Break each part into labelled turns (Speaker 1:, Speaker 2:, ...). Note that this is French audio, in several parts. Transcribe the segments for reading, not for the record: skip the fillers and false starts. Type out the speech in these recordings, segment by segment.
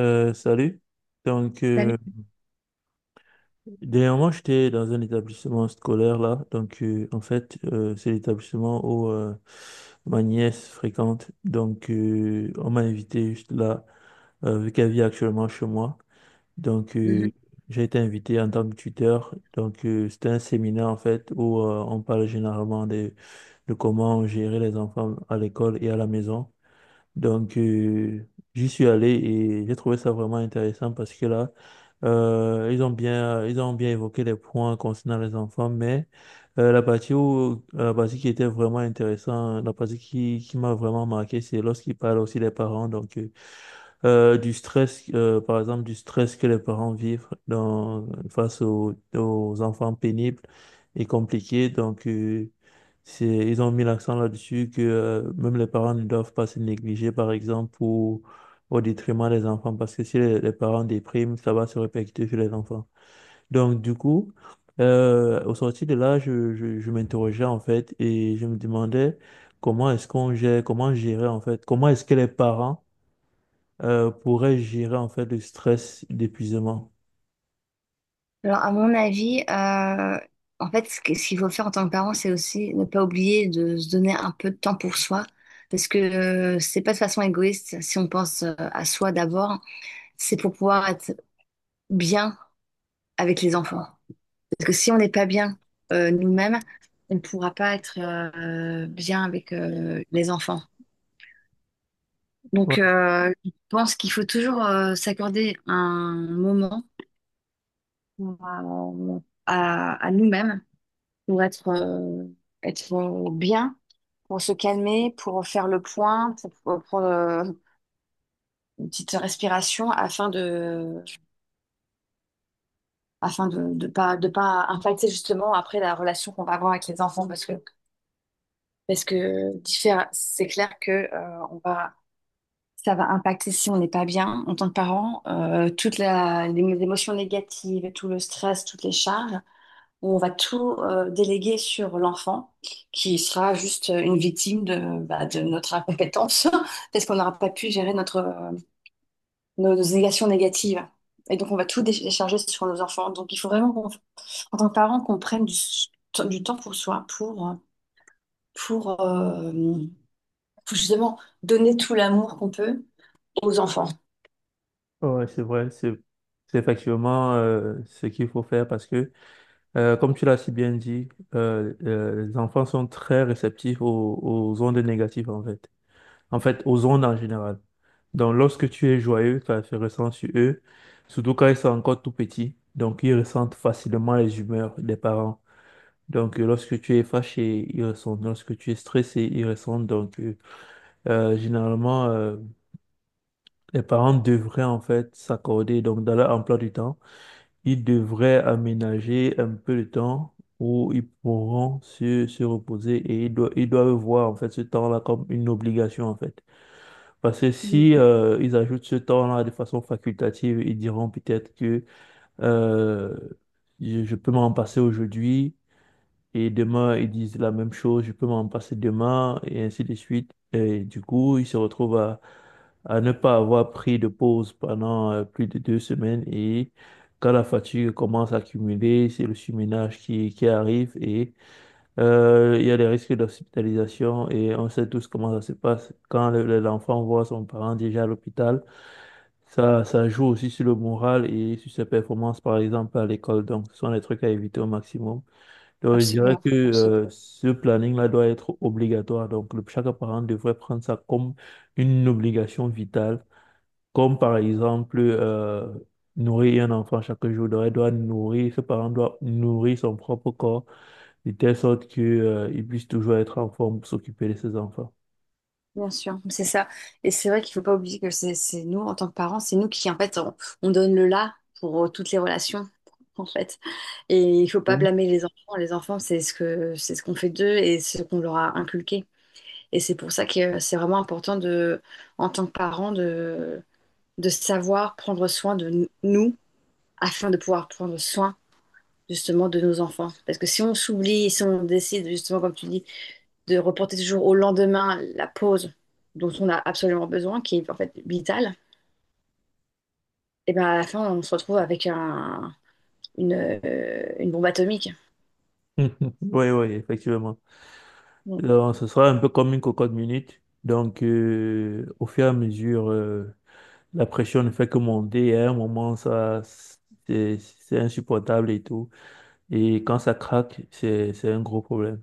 Speaker 1: Salut. Donc, euh,
Speaker 2: Salut.
Speaker 1: Dernièrement, j'étais dans un établissement scolaire là. C'est l'établissement où ma nièce fréquente. On m'a invité juste là, vu qu'elle vit actuellement chez moi. Donc, euh,
Speaker 2: Mhm.
Speaker 1: j'ai été invité en tant que tuteur. C'était un séminaire en fait où on parle généralement de comment gérer les enfants à l'école et à la maison. Donc, euh, J'y suis allé et j'ai trouvé ça vraiment intéressant parce que là, ils ont bien évoqué les points concernant les enfants, mais la partie qui était vraiment intéressante, la partie qui m'a vraiment marqué, c'est lorsqu'ils parlent aussi des parents. Du stress, par exemple, du stress que les parents vivent dans, face aux, aux enfants pénibles et compliqués. Ils ont mis l'accent là-dessus que même les parents ne doivent pas se négliger, par exemple, pour, au détriment des enfants, parce que si les parents dépriment, ça va se répercuter sur les enfants. Donc, du coup, au sortir de là, je m'interrogeais en fait et je me demandais comment gérer en fait, comment est-ce que les parents pourrait gérer en fait le stress d'épuisement.
Speaker 2: Alors, à mon avis, en fait, ce qu'il faut faire en tant que parent, c'est aussi ne pas oublier de se donner un peu de temps pour soi. Parce que c'est pas de façon égoïste. Si on pense à soi d'abord, c'est pour pouvoir être bien avec les enfants. Parce que si on n'est pas bien nous-mêmes, on ne pourra pas être bien avec les enfants.
Speaker 1: Ouais,
Speaker 2: Donc, je pense qu'il faut toujours s'accorder un moment pour, à nous-mêmes pour être, être bien, pour se calmer, pour faire le point, pour prendre une petite respiration afin de pas impacter justement après la relation qu'on va avoir avec les enfants parce que c'est clair que on va ça va impacter si on n'est pas bien en tant que parent, les émotions négatives, tout le stress, toutes les charges. Où on va tout déléguer sur l'enfant, qui sera juste une victime de, bah, de notre incompétence, parce qu'on n'aura pas pu gérer nos, nos négations négatives. Et donc, on va tout décharger sur nos enfants. Donc, il faut vraiment, en tant que parent, qu'on prenne du temps pour soi, pour, euh, pour justement donner tout l'amour qu'on peut aux enfants.
Speaker 1: ouais, c'est vrai, c'est effectivement ce qu'il faut faire parce que, comme tu l'as si bien dit, les enfants sont très réceptifs aux, aux ondes négatives en fait aux ondes en général. Donc lorsque tu es joyeux, ça se ressent sur eux, surtout quand ils sont encore tout petits. Donc ils ressentent facilement les humeurs des parents. Lorsque tu es fâché, ils ressentent. Lorsque tu es stressé, ils ressentent. Euh, généralement, euh, Les parents devraient en fait s'accorder, donc dans leur emploi du temps, ils devraient aménager un peu de temps où ils pourront se reposer et ils doivent voir en fait ce temps-là comme une obligation en fait. Parce que
Speaker 2: Mm.
Speaker 1: si ils ajoutent ce temps-là de façon facultative, ils diront peut-être que euh, je peux m'en passer aujourd'hui et demain ils disent la même chose, je peux m'en passer demain et ainsi de suite. Et du coup, ils se retrouvent à ne pas avoir pris de pause pendant plus de deux semaines et quand la fatigue commence à cumuler, c'est le surménage qui arrive et il y a des risques d'hospitalisation et on sait tous comment ça se passe. Quand l'enfant voit son parent déjà à l'hôpital, ça joue aussi sur le moral et sur ses performances, par exemple, à l'école. Donc, ce sont des trucs à éviter au maximum. Donc, je dirais
Speaker 2: Absolument,
Speaker 1: que
Speaker 2: absolument.
Speaker 1: ce planning-là doit être obligatoire. Donc, chaque parent devrait prendre ça comme une obligation vitale comme par exemple nourrir un enfant chaque jour, donc doit nourrir, ce parent doit nourrir son propre corps de telle sorte que il puisse toujours être en forme pour s'occuper de ses enfants.
Speaker 2: Bien sûr, c'est ça. Et c'est vrai qu'il faut pas oublier que c'est nous, en tant que parents, c'est nous qui, en fait, on donne le là pour toutes les relations, en fait. Et il faut pas
Speaker 1: Oui,
Speaker 2: blâmer les enfants. Les enfants, c'est ce c'est ce qu'on fait d'eux et ce qu'on leur a inculqué. Et c'est pour ça que c'est vraiment important de, en tant que parents, de savoir prendre soin de nous afin de pouvoir prendre soin, justement, de nos enfants. Parce que si on s'oublie, si on décide, justement, comme tu dis, de reporter toujours au lendemain la pause dont on a absolument besoin, qui est en fait vitale, et ben à la fin, on se retrouve avec une bombe atomique.
Speaker 1: oui, oui, effectivement.
Speaker 2: Donc,
Speaker 1: Alors, ce sera un peu comme une cocotte minute. Donc, au fur et à mesure, la pression ne fait que monter. Et à un moment, ça, c'est insupportable et tout. Et quand ça craque, c'est un gros problème.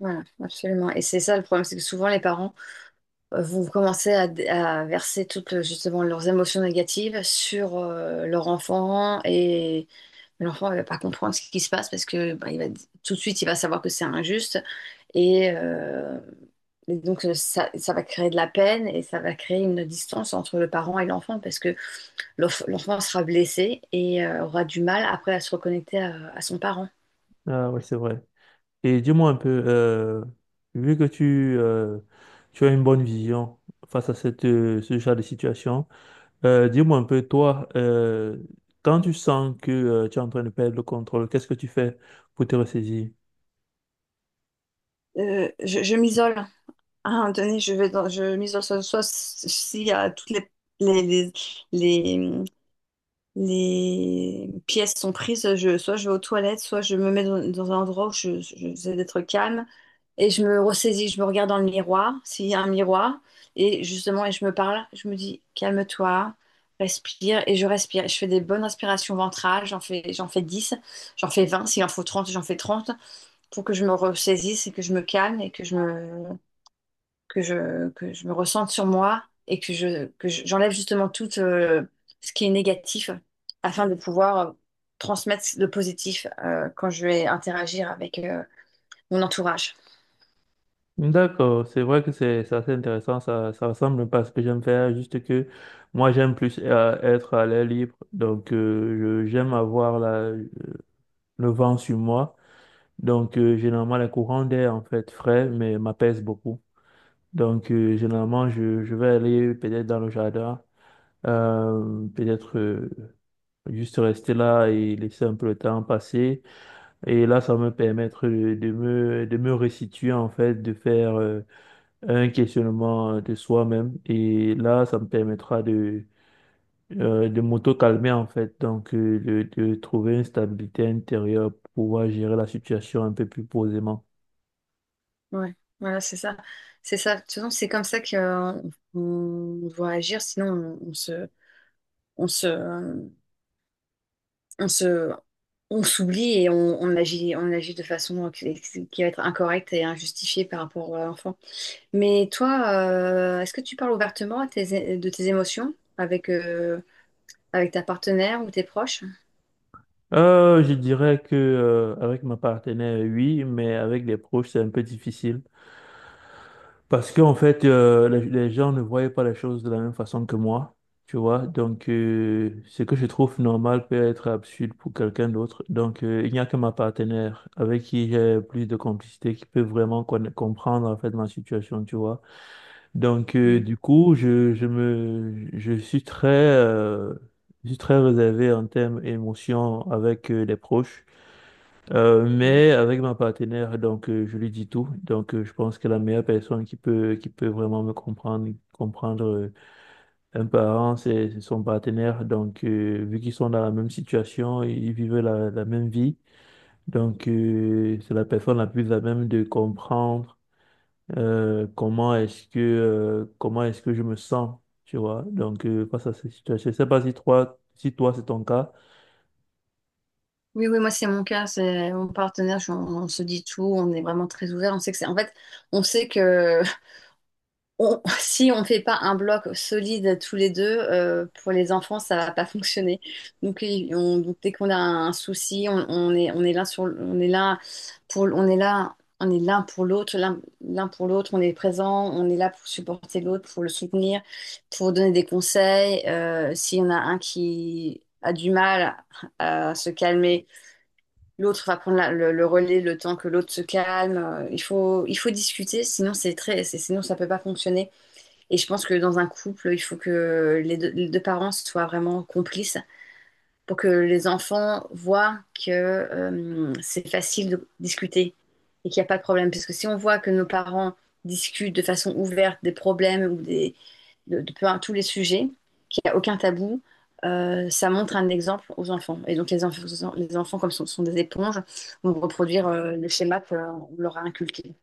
Speaker 2: voilà, absolument. Et c'est ça le problème, c'est que souvent les parents vont commencer à verser toutes justement leurs émotions négatives sur leur enfant et l'enfant ne va pas comprendre ce qui se passe parce que bah, tout de suite il va savoir que c'est injuste. Et, euh, et donc, ça, ça va créer de la peine et ça va créer une distance entre le parent et l'enfant parce que l'enfant sera blessé et aura du mal après à se reconnecter à son parent.
Speaker 1: Ah oui, c'est vrai. Et dis-moi un peu, vu que tu as une bonne vision face à cette, ce genre de situation, dis-moi un peu, toi, quand tu sens que tu es en train de perdre le contrôle, qu'est-ce que tu fais pour te ressaisir?
Speaker 2: Je m'isole. À un moment donné, je m'isole soit s'il y a toutes les, les, les, les pièces sont prises, soit je vais aux toilettes, soit je me mets dans un endroit où j'essaie d'être calme. Et je me ressaisis, je me regarde dans le miroir, s'il y a un miroir, et justement, et je me parle, je me dis, calme-toi, respire, et je respire. Je fais des bonnes respirations ventrales, j'en fais 10, j'en fais 20, s'il en faut 30, j'en fais 30, pour que je me ressaisisse et que je me calme et que je me ressente sur moi et que j'enlève justement tout ce qui est négatif afin de pouvoir transmettre le positif quand je vais interagir avec mon entourage.
Speaker 1: D'accord, c'est vrai que c'est assez intéressant, ça ressemble pas à ce que j'aime faire, juste que moi j'aime plus être à l'air libre, donc j'aime avoir le vent sur moi, donc généralement les courants d'air en fait frais, mais m'apaisent beaucoup. Donc, généralement, je vais aller peut-être dans le jardin, peut-être juste rester là et laisser un peu le temps passer. Et là, ça va me permettre de me restituer, en fait, de faire un questionnement de soi-même. Et là, ça me permettra de m'auto-calmer, en fait, donc de trouver une stabilité intérieure pour pouvoir gérer la situation un peu plus posément.
Speaker 2: Ouais, voilà, c'est ça. C'est ça. De toute façon, c'est comme ça qu'on doit agir, sinon on se, euh, on se, on s'oublie et on agit de façon qui va être incorrecte et injustifiée par rapport à l'enfant. Mais toi, est-ce que tu parles ouvertement de tes émotions avec, avec ta partenaire ou tes proches?
Speaker 1: Je dirais que avec ma partenaire, oui, mais avec les proches, c'est un peu difficile. Parce qu'en fait, les gens ne voyaient pas les choses de la même façon que moi, tu vois. Donc, ce que je trouve normal peut être absurde pour quelqu'un d'autre. Donc, il n'y a que ma partenaire avec qui j'ai plus de complicité, qui peut vraiment comprendre en fait ma situation, tu vois. Donc,
Speaker 2: Mm.
Speaker 1: du coup, je suis très réservé en termes émotions avec les proches. Mais avec ma partenaire, donc je lui dis tout. Donc je pense que la meilleure personne qui peut vraiment me comprendre un parent, c'est son partenaire. Donc vu qu'ils sont dans la même situation, ils vivent la même vie. Donc c'est la personne la plus à même de comprendre comment est-ce que je me sens, tu vois. Donc face à cette situation, je sais pas si toi si toi c'est ton cas.
Speaker 2: Oui, oui, moi c'est mon cas, c'est mon partenaire, on se dit tout, on est vraiment très ouvert, on sait que c'est, en fait, on sait que si on ne fait pas un bloc solide tous les deux, pour les enfants, ça va pas fonctionner. Donc, donc, dès qu'on a un souci, on est là on est là pour, on est là, on est l'un pour l'autre, l'un pour l'autre, on est présent, on est là pour supporter l'autre, pour le soutenir, pour donner des conseils. S'il y en a un qui a du mal à se calmer, l'autre va prendre le relais le temps que l'autre se calme. Il faut discuter, sinon c'est très, c'est- sinon ça peut pas fonctionner. Et je pense que dans un couple, il faut que les deux parents soient vraiment complices pour que les enfants voient que c'est facile de discuter et qu'il n'y a pas de problème. Parce que si on voit que nos parents discutent de façon ouverte des problèmes de peu, tous les sujets, qu'il n'y a aucun tabou, ça montre un exemple aux enfants. Et donc les enfants comme ce sont, sont des éponges, vont reproduire le schéma qu'on leur a inculqué.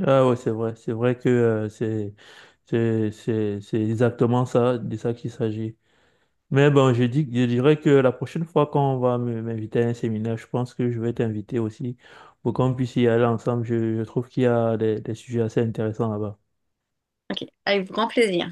Speaker 1: Ah ouais, c'est vrai. C'est vrai que c'est exactement ça, de ça qu'il s'agit. Mais bon, je dirais que la prochaine fois qu'on va m'inviter à un séminaire, je pense que je vais t'inviter aussi pour qu'on puisse y aller ensemble. Je trouve qu'il y a des sujets assez intéressants là-bas.
Speaker 2: Ok, avec grand plaisir.